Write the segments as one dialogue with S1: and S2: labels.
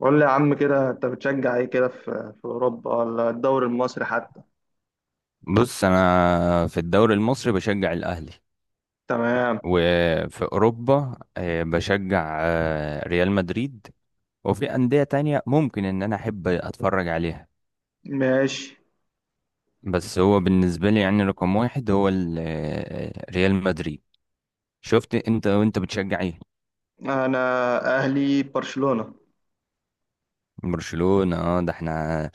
S1: قول لي يا عم كده، انت بتشجع ايه كده في اوروبا ولا الدوري المصري حتى؟
S2: بص، انا في الدوري المصري بشجع الاهلي.
S1: تمام.
S2: وفي اوروبا بشجع ريال مدريد. وفي انديه تانية ممكن ان انا احب اتفرج عليها،
S1: ماشي.
S2: بس هو بالنسبه لي يعني رقم واحد هو ريال مدريد. شفت؟ انت وانت بتشجع ايه؟
S1: انا اهلي برشلونة.
S2: برشلونه؟ اه، ده احنا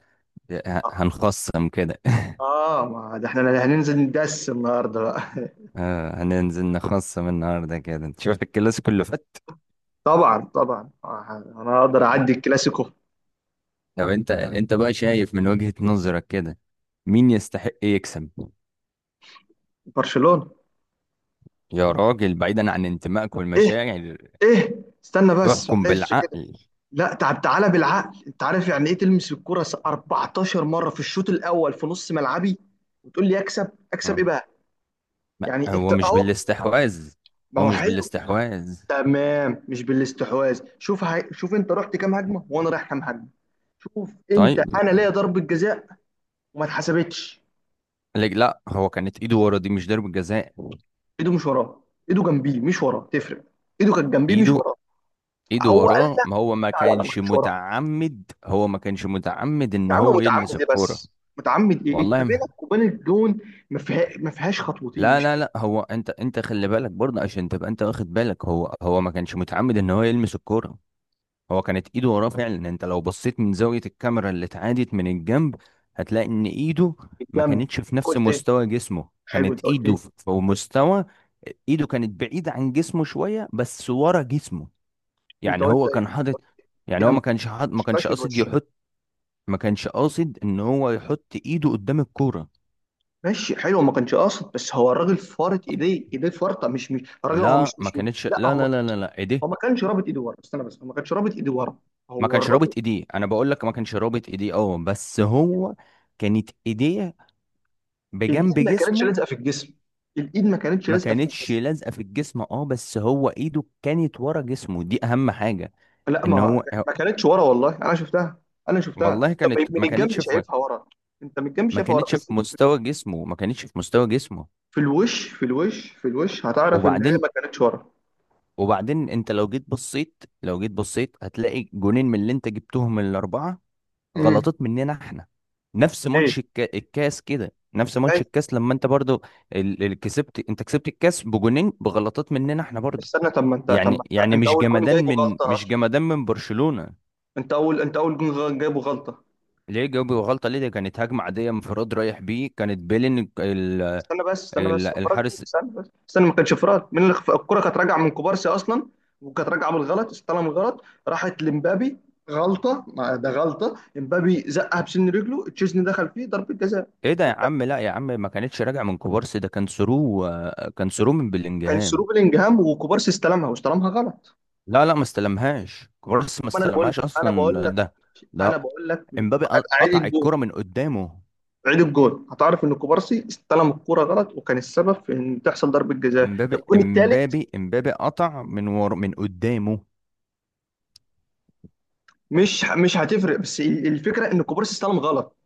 S2: هنخصم كده
S1: اه، ما ده احنا هننزل ندس النهارده بقى.
S2: هننزل نخصم النهارده كده. انت شفت الكلاسيكو اللي فات؟
S1: طبعا طبعا، انا اقدر اعدي الكلاسيكو.
S2: طب انت بقى شايف من وجهة نظرك كده، مين يستحق يكسب؟
S1: برشلونة.
S2: يا راجل، بعيدا عن انتمائك
S1: ايه
S2: والمشاعر،
S1: ايه، استنى بس
S2: احكم
S1: معلش كده.
S2: بالعقل.
S1: لا، تعب تعالى بالعقل، انت عارف يعني ايه تلمس الكرة 14 مرة في الشوط الاول في نص ملعبي، وتقول لي اكسب؟ اكسب
S2: مم.
S1: ايه بقى؟
S2: ما
S1: يعني
S2: هو
S1: انت
S2: مش
S1: اهو.
S2: بالاستحواذ،
S1: ما
S2: هو
S1: هو
S2: مش
S1: حلو.
S2: بالاستحواذ.
S1: تمام، مش بالاستحواذ. شوف انت رحت كام هجمه وانا رايح كام هجمه. شوف،
S2: طيب.
S1: انت انا ليا ضربه جزاء وما اتحسبتش.
S2: لا لا، هو كانت ايده ورا، دي مش ضربة جزاء.
S1: ايده مش وراه، ايده جنبيه مش وراه، تفرق. ايده كانت جنبيه مش
S2: ايده،
S1: وراه.
S2: ايده
S1: هو قال
S2: وراه،
S1: لك؟
S2: ما هو ما
S1: لا لا، ما
S2: كانش
S1: كانتش وراه.
S2: متعمد، هو ما كانش متعمد ان
S1: يا عم،
S2: هو يلمس
S1: متعمد ايه
S2: الكرة.
S1: بس؟ متعمد ايه؟ انت
S2: والله ما...
S1: بينك وبين الجون ما فيهاش خطوتين،
S2: لا
S1: مش
S2: لا
S1: من
S2: لا، هو انت خلي بالك برضه، عشان تبقى انت واخد بالك، هو ما كانش متعمد ان هو يلمس الكرة. هو كانت ايده وراه فعلا. انت لو بصيت من زاوية الكاميرا اللي اتعادت من الجنب، هتلاقي ان ايده ما
S1: الجنب.
S2: كانتش في نفس
S1: قلت ايه؟
S2: مستوى جسمه،
S1: حلو،
S2: كانت
S1: انت قلت
S2: ايده
S1: ايه؟
S2: في مستوى... ايده كانت بعيدة عن جسمه شوية، بس ورا جسمه.
S1: انت
S2: يعني
S1: قلت
S2: هو كان
S1: ايه؟
S2: حاطط، يعني
S1: جنب
S2: هو
S1: ما
S2: ما كانش حاط، ما كانش
S1: شفتهاش من
S2: قاصد
S1: الوش.
S2: يحط، ما كانش قاصد ان هو يحط ايده قدام الكورة.
S1: ماشي حلو، ما كانش قاصد، بس هو الراجل فارط ايديه، ايديه فارطه، مش الراجل، هو مش
S2: لا ما
S1: مش
S2: كانتش،
S1: لا،
S2: لا
S1: هو
S2: لا لا لا لا،
S1: هو
S2: ايديه
S1: ما كانش رابط ايده ورا، استنى بس، هو ما كانش رابط ايده ورا.
S2: ما
S1: هو
S2: كانش
S1: الراجل.
S2: رابط ايديه. انا بقول لك ما كانش رابط ايديه، اه، بس هو كانت ايديه بجنب
S1: الايد ما كانتش
S2: جسمه،
S1: لازقه في الجسم، الايد ما كانتش
S2: ما
S1: لازقه في
S2: كانتش
S1: الجسم.
S2: لازقه في الجسم. اه، بس هو ايده كانت ورا جسمه، دي اهم حاجه،
S1: لا،
S2: ان
S1: ما
S2: هو...
S1: ما كانتش ورا، والله انا شفتها. انا شفتها،
S2: والله
S1: انت من
S2: كانت...
S1: من الجنب شايفها ورا. انت من الجنب
S2: ما
S1: شايفها ورا،
S2: كانتش في
S1: بس انت
S2: مستوى جسمه، ما كانتش في مستوى جسمه.
S1: في الوش، في الوش، في الوش هتعرف ان هي
S2: وبعدين،
S1: ما كانتش ورا.
S2: وبعدين انت لو جيت بصيت، هتلاقي جونين من اللي انت جبتهم الاربعه
S1: امم
S2: غلطات مننا احنا. نفس
S1: ايه،
S2: ماتش الكاس كده، نفس ماتش
S1: جاي.
S2: الكاس لما انت برضو ال... ال... كسبت انت كسبت الكاس بجونين بغلطات مننا احنا برضو.
S1: استنى، طب ما انت طب ما
S2: يعني
S1: انت
S2: يعني
S1: انت
S2: مش
S1: اول جون
S2: جمدان
S1: جايبه
S2: من،
S1: غلطه
S2: مش
S1: اصلا.
S2: جمدان من برشلونة.
S1: انت اول جون جايبه غلطه.
S2: ليه جاوب غلطة ليه؟ دي كانت هجمة عادية، انفراد رايح بيه، كانت بيلين
S1: استنى بس استنى بس انفراد مين؟
S2: الحارس.
S1: استنى بس ما كانش انفراد مين الكرة كانت راجعة من كوبارسي اصلا، وكانت راجعة بالغلط، استلم الغلط، راحت لمبابي غلطة. ما ده غلطة امبابي، زقها بسن رجله، تشيزني دخل فيه، ضربة جزاء.
S2: ايه ده يا عم؟ لا يا عم، ما كانتش راجع من كوبارسي، ده كان ثرو، كان ثرو من
S1: كان سرو
S2: بلينجهام.
S1: بلينجهام، وكوبارسي استلمها، واستلمها غلط.
S2: لا لا، ما استلمهاش كوبارسي، ما
S1: أما انا بقول
S2: استلمهاش
S1: انا بقول
S2: اصلا،
S1: لك
S2: ده،
S1: انا
S2: ده
S1: بقول لك
S2: امبابي
S1: اعيد
S2: قطع
S1: الجول،
S2: الكرة من قدامه.
S1: عيد الجول، هتعرف ان كوبارسي استلم الكرة غلط، وكان السبب في ان تحصل ضربة جزاء
S2: امبابي
S1: الجون الثالث.
S2: امبابي امبابي قطع من قدامه.
S1: مش هتفرق، بس الفكرة ان كوبارسي استلم غلط.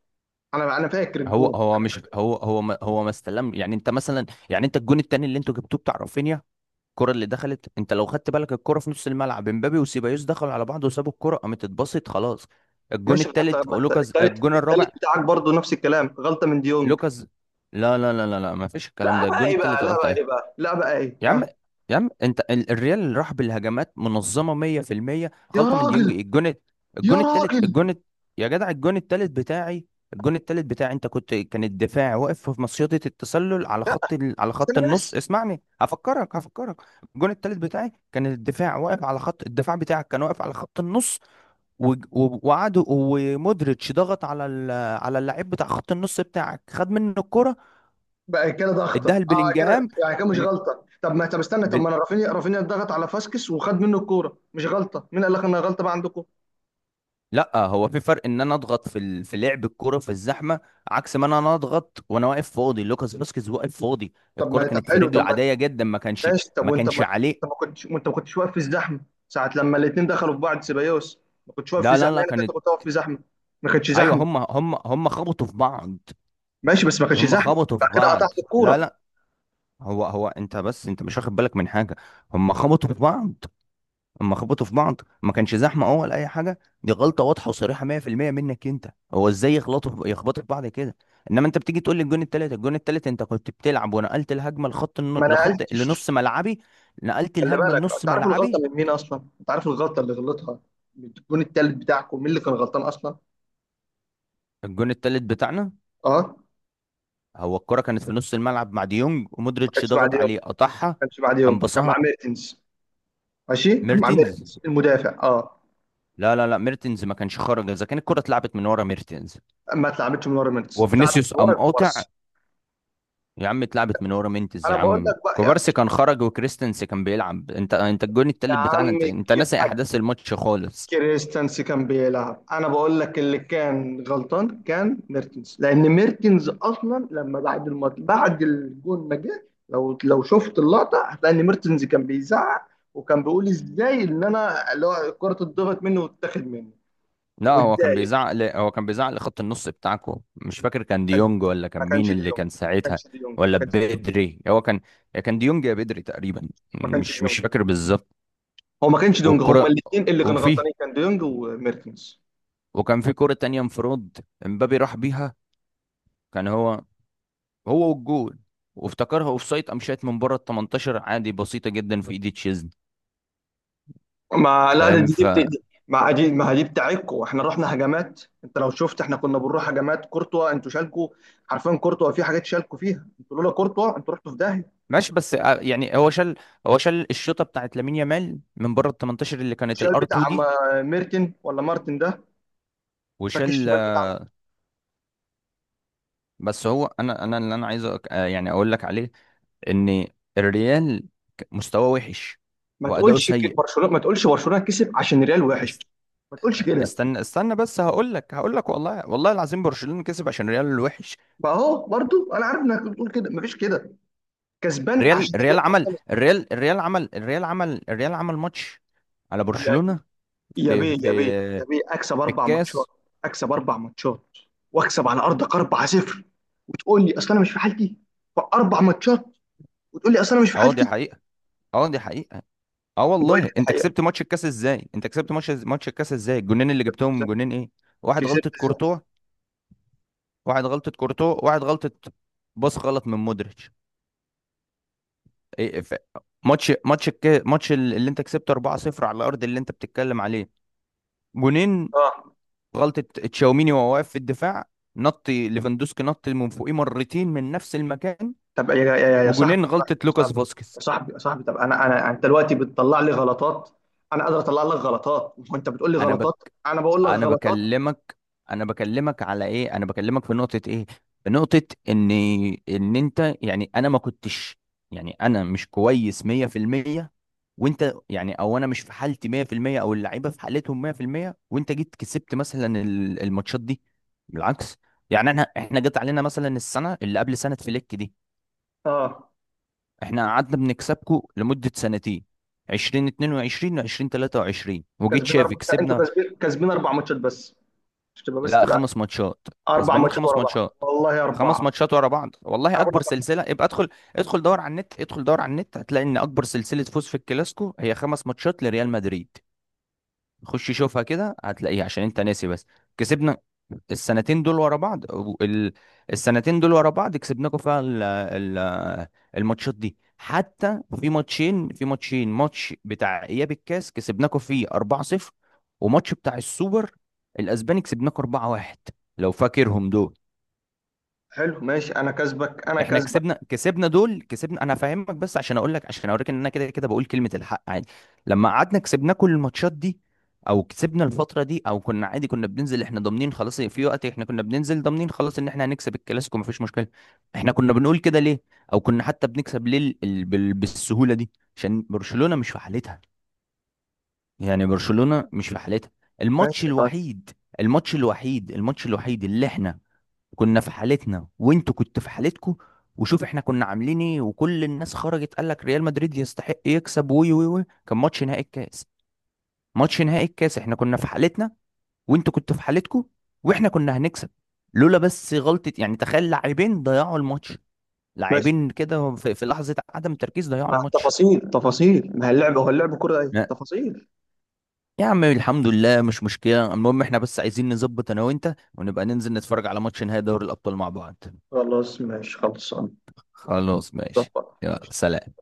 S1: انا فاكر
S2: هو
S1: الجون،
S2: هو
S1: انا
S2: مش
S1: فاكر.
S2: هو هو ما هو ما استلم. يعني انت مثلا، يعني انت الجون التاني اللي انتوا جبتوه بتاع رافينيا، الكرة اللي دخلت، انت لو خدت بالك الكرة في نص الملعب امبابي وسيبايوس دخلوا على بعض وسابوا الكرة، قامت اتبسط خلاص. الجون
S1: ماشي، ما انت
S2: التالت
S1: ما انت
S2: لوكاس،
S1: التالت
S2: الجون
S1: التالت
S2: الرابع
S1: بتاعك برضو نفس الكلام، غلطه من ديونج.
S2: لوكاس. لا لا لا لا لا، ما فيش الكلام
S1: لا
S2: ده،
S1: بقى،
S2: الجون
S1: ايه بقى؟
S2: التالت
S1: لا
S2: غلطة
S1: بقى،
S2: اهي.
S1: ايه بقى؟ لا بقى، ايه؟
S2: يا عم،
S1: ها؟
S2: يا عم انت الريال اللي راح بالهجمات منظمه 100%،
S1: يا
S2: غلطه من ديونج.
S1: راجل،
S2: ايه الجون
S1: يا
S2: الجون التالت،
S1: راجل،
S2: الجون يا جدع، الجون التالت بتاعي، الجون التالت بتاعي انت كنت، كان الدفاع واقف في مصيدة التسلل على
S1: لا،
S2: خط على خط
S1: استنى
S2: النص.
S1: بس.
S2: اسمعني هفكرك، هفكرك. الجون التالت بتاعي كان الدفاع واقف على خط الدفاع، بتاعك كان واقف على خط النص، وقعدوا، ومودريتش ضغط على على اللعيب بتاع خط النص بتاعك، خد منه الكرة،
S1: بقى كده ضغطه،
S2: اداها
S1: اه كده.
S2: لبلينجهام.
S1: يعني كده مش غلطه؟ طب استنى، طب ما انا، رافينيا ضغط على فاسكس وخد منه الكوره، مش غلطه؟ مين قال لك انها غلطه بقى عندكم؟
S2: لا، هو في فرق ان انا اضغط في في لعب الكرة في الزحمه، عكس ما انا اضغط وانا واقف فاضي. لوكاس فاسكيز واقف فاضي،
S1: طب
S2: الكرة
S1: ما طب
S2: كانت في
S1: حلو، طب
S2: رجله
S1: ما
S2: عاديه جدا، ما كانش،
S1: ماشي، طب
S2: ما
S1: وانت
S2: كانش
S1: ما، انت
S2: عليه.
S1: ما كنتش، وانت ما كنتش واقف في الزحمه ساعه لما الاثنين دخلوا في بعض، سيبايوس. ما كنتش واقف في
S2: لا لا
S1: زحمه،
S2: لا،
S1: يعني كنت
S2: كانت،
S1: كنت واقف في زحمه. ما كانتش
S2: ايوه
S1: زحمه.
S2: هم، هم خبطوا في بعض،
S1: ماشي، بس ما كانش
S2: هم
S1: زحمه.
S2: خبطوا في
S1: بعد كده
S2: بعض.
S1: قطعت
S2: لا
S1: الكوره.
S2: لا، هو انت، بس انت مش واخد بالك من حاجه، هم خبطوا في بعض. اما خبطوا في بعض ما كانش زحمه، اه ولا اي حاجه، دي غلطه واضحه وصريحه 100% منك انت. هو ازاي يخبطوا في بعض كده؟ انما انت بتيجي تقول لي الجون التالت، الجون التالت، انت كنت بتلعب ونقلت الهجمه
S1: ما
S2: لخط
S1: نقلتش.
S2: لنص ملعبي، نقلت
S1: خلي
S2: الهجمه
S1: بالك،
S2: لنص
S1: انت عارف الغلطه
S2: ملعبي.
S1: من مين اصلا، انت عارف الغلطه اللي غلطها من الجون التالت بتاعكم، مين اللي كان غلطان اصلا؟
S2: الجون التالت بتاعنا،
S1: اه.
S2: هو الكره كانت في نص الملعب مع ديونج،
S1: ما
S2: ومودريتش
S1: كانش مع
S2: ضغط
S1: ديونج، ما
S2: عليه قطعها،
S1: كانش مع
S2: قام
S1: ديونج، كان
S2: باصها.
S1: مع ميرتنز. ماشي، كان مع
S2: ميرتينز؟
S1: ميرتنز المدافع، اه.
S2: لا لا لا، ميرتينز ما كانش خرج، اذا كان الكره اتلعبت من ورا ميرتينز
S1: ما اتلعبتش من ورا ميرتنز، اتلعبت من
S2: وفينيسيوس
S1: ورا
S2: قام قاطع.
S1: كوبارسي.
S2: يا عم اتلعبت من ورا مينتز،
S1: انا
S2: يا
S1: بقول
S2: عم
S1: لك بقى، يا
S2: كوبارسي كان خرج، وكريستنس كان بيلعب. انت الجون
S1: يا
S2: التالت بتاعنا، انت
S1: عمي،
S2: انت ناسي
S1: يبقى
S2: احداث الماتش خالص.
S1: كريستنس كان بيلعب. انا بقول لك اللي كان غلطان كان ميرتنز، لان ميرتنز اصلا لما بعد الماتش، بعد الجون ما جه، لو شفت اللقطه هتلاقي ان ميرتنز كان بيزعق، وكان بيقول ازاي ان انا اللي هو الكره اتضغط مني واتاخد مني
S2: لا،
S1: واتضايق.
S2: هو كان بيزعق لخط النص بتاعكو، مش فاكر كان ديونج ولا كان
S1: ما كانش
S2: مين اللي
S1: ديونج،
S2: كان
S1: ما
S2: ساعتها،
S1: كانش ديونج، ما
S2: ولا
S1: كانش ديونج،
S2: بدري. هو كان، يا كان ديونج يا بدري تقريبا،
S1: ما كانش
S2: مش
S1: ديونج،
S2: فاكر بالظبط.
S1: هو ما كانش ديونج. هما
S2: والكرة،
S1: الاثنين اللي كانوا
S2: وفيه،
S1: غلطانين، كان ديونج وميرتنز.
S2: وكان في كرة تانية، انفراد، امبابي راح بيها، كان هو، هو والجول، وافتكرها اوفسايد، قام شايط من بره ال 18، عادي، بسيطة جدا في ايد تشيزني.
S1: ما لا، ده
S2: فاهم؟
S1: دي دي, بت...
S2: فماشي.
S1: دي ما دي ما دي بتاعتكوا. احنا رحنا هجمات، انت لو شفت احنا كنا بنروح هجمات كورتوا انتوا شالكوا. حرفيا كورتوا في حاجات شالكوا فيها انتوا، لولا كورتوا انتوا رحتوا في داهيه.
S2: بس يعني هو شال، هو شال الشوطه بتاعت لامين يامال من بره ال 18 اللي كانت
S1: شال
S2: الار 2
S1: بتاع
S2: دي،
S1: ميرتن، ولا مارتن ده باك
S2: وشال
S1: الشمال بتاعنا.
S2: بس هو، انا اللي انا عايز يعني اقول لك عليه ان الريال مستواه وحش
S1: ما
S2: واداؤه
S1: تقولش
S2: سيء.
S1: برشلونه، ما تقولش برشلونه كسب عشان ريال وحش.
S2: است-
S1: ما تقولش كده.
S2: استنى، بس هقول لك، هقول لك. والله، والله العظيم برشلونه كسب عشان الريال وحش.
S1: ما هو برضو انا عارف انك بتقول كده، ما فيش كده، كسبان عشان الريال. طب خلاص.
S2: الريال عمل ماتش على
S1: يا
S2: برشلونه
S1: يا
S2: في
S1: بيه، يا بيه، يا
S2: في
S1: بيه، اكسب
S2: في
S1: اربع ماتشات،
S2: الكاس.
S1: اكسب اربع ماتشات، واكسب على ارضك 4-0، تقول لي اصل انا مش في حالتي؟ في اربع ماتشات، وتقول لي اصل انا مش في
S2: اه، دي
S1: حالتي؟
S2: حقيقه. اه، دي حقيقه. اه
S1: وبقول لك
S2: والله،
S1: دي
S2: انت
S1: حقيقه،
S2: كسبت ماتش الكاس ازاي؟ انت كسبت ماتش، ماتش الكاس ازاي؟ الجونين اللي جبتهم،
S1: بالظبط.
S2: جونين ايه؟ واحد
S1: كسبت
S2: غلطة
S1: ازاي؟
S2: كورتوا، واحد غلطة كورتوا، واحد غلطة، باص غلط من مودريتش. ايه، ماتش ماتش الك... ماتش ال- اللي انت كسبت 4-0 على الارض اللي انت بتتكلم عليه، جونين
S1: اه.
S2: غلطة تشاوميني وهو واقف في الدفاع، نط ليفاندوسكي نط من فوقيه مرتين من نفس المكان.
S1: طب يا صاحبي،
S2: وجونين
S1: يا
S2: غلطة لوكاس
S1: صاحبي، يا
S2: فاسكيز.
S1: صاحبي، يا صاحبي، طب انا انا انت دلوقتي بتطلع لي غلطات، انا قادر اطلع لك غلطات، وانت بتقول لي
S2: انا،
S1: غلطات. انا بقول لك
S2: انا
S1: غلطات.
S2: بكلمك انا بكلمك على ايه؟ انا بكلمك في نقطة ايه؟ في نقطة ان، ان انت، يعني انا ما كنتش، يعني انا مش كويس 100%، وانت، يعني او انا مش في حالتي 100%، او اللعيبة في حالتهم 100%، وانت جيت كسبت مثلا الماتشات دي. بالعكس، يعني احنا، احنا جت علينا مثلا السنة اللي قبل سنة فليك دي،
S1: اه.
S2: احنا قعدنا بنكسبكم لمدة سنتين، 2022 و20 23، وجيت شافي
S1: انتوا
S2: كسبنا.
S1: كسبين اربع ماتشات بس، مش تبقى بس،
S2: لا،
S1: تبقى
S2: خمس ماتشات،
S1: اربع
S2: كسبانين
S1: ماتشات
S2: خمس
S1: ورا بعض،
S2: ماتشات،
S1: والله
S2: خمس
S1: اربعه.
S2: ماتشات ورا بعض والله،
S1: انا بقول
S2: اكبر
S1: لك اربعه.
S2: سلسله. ابقى ادخل، ادخل دور على النت، ادخل دور على النت هتلاقي ان اكبر سلسله فوز في الكلاسيكو هي خمس ماتشات لريال مدريد. خش شوفها كده هتلاقيها، عشان انت ناسي بس. كسبنا السنتين دول ورا بعض السنتين دول ورا بعض كسبناكم فيها الماتشات دي، حتى في ماتشين، في ماتشين ماتش بتاع اياب الكاس كسبناكوا فيه 4-0، وماتش بتاع السوبر الاسباني كسبناكوا 4-1، لو فاكرهم دول.
S1: حلو ماشي، انا كسبك، انا
S2: احنا
S1: كسبك.
S2: كسبنا، كسبنا دول كسبنا. انا هفهمك بس عشان اقول لك، عشان اوريك ان انا كده كده بقول كلمة الحق عادي. لما قعدنا كسبنا كل الماتشات دي، او كسبنا الفترة دي، او كنا عادي كنا بننزل احنا ضامنين خلاص، في وقت احنا كنا بننزل ضامنين خلاص ان احنا هنكسب الكلاسيكو مفيش مشكلة. احنا كنا بنقول كده ليه؟ او كنا حتى بنكسب ليه بالسهولة دي؟ عشان برشلونة مش في حالتها، يعني برشلونة مش في حالتها. الماتش
S1: ماشي،
S2: الوحيد الماتش الوحيد اللي احنا كنا في حالتنا وانتوا كنتوا في حالتكوا، وشوف احنا كنا عاملين ايه، وكل الناس خرجت قال لك ريال مدريد يستحق يكسب، وي وي وي، كان ماتش نهائي الكاس. ماتش نهائي الكاس احنا كنا في حالتنا وانتوا كنتوا في حالتكوا، واحنا كنا هنكسب لولا بس غلطة. يعني تخيل، لاعبين ضيعوا الماتش،
S1: ماشي،
S2: لاعبين كده في لحظة عدم تركيز ضيعوا
S1: مع
S2: الماتش.
S1: التفاصيل، تفاصيل، ما هي اللعبه، هو اللعب كره، ايه
S2: لا.
S1: تفاصيل؟
S2: يا عم الحمد لله مش مشكلة، المهم احنا بس عايزين نظبط انا وانت، ونبقى ننزل نتفرج على ماتش نهائي دوري الأبطال مع بعض.
S1: خلاص ماشي، خلصان.
S2: خلاص ماشي.
S1: ظبط.
S2: يلا سلام.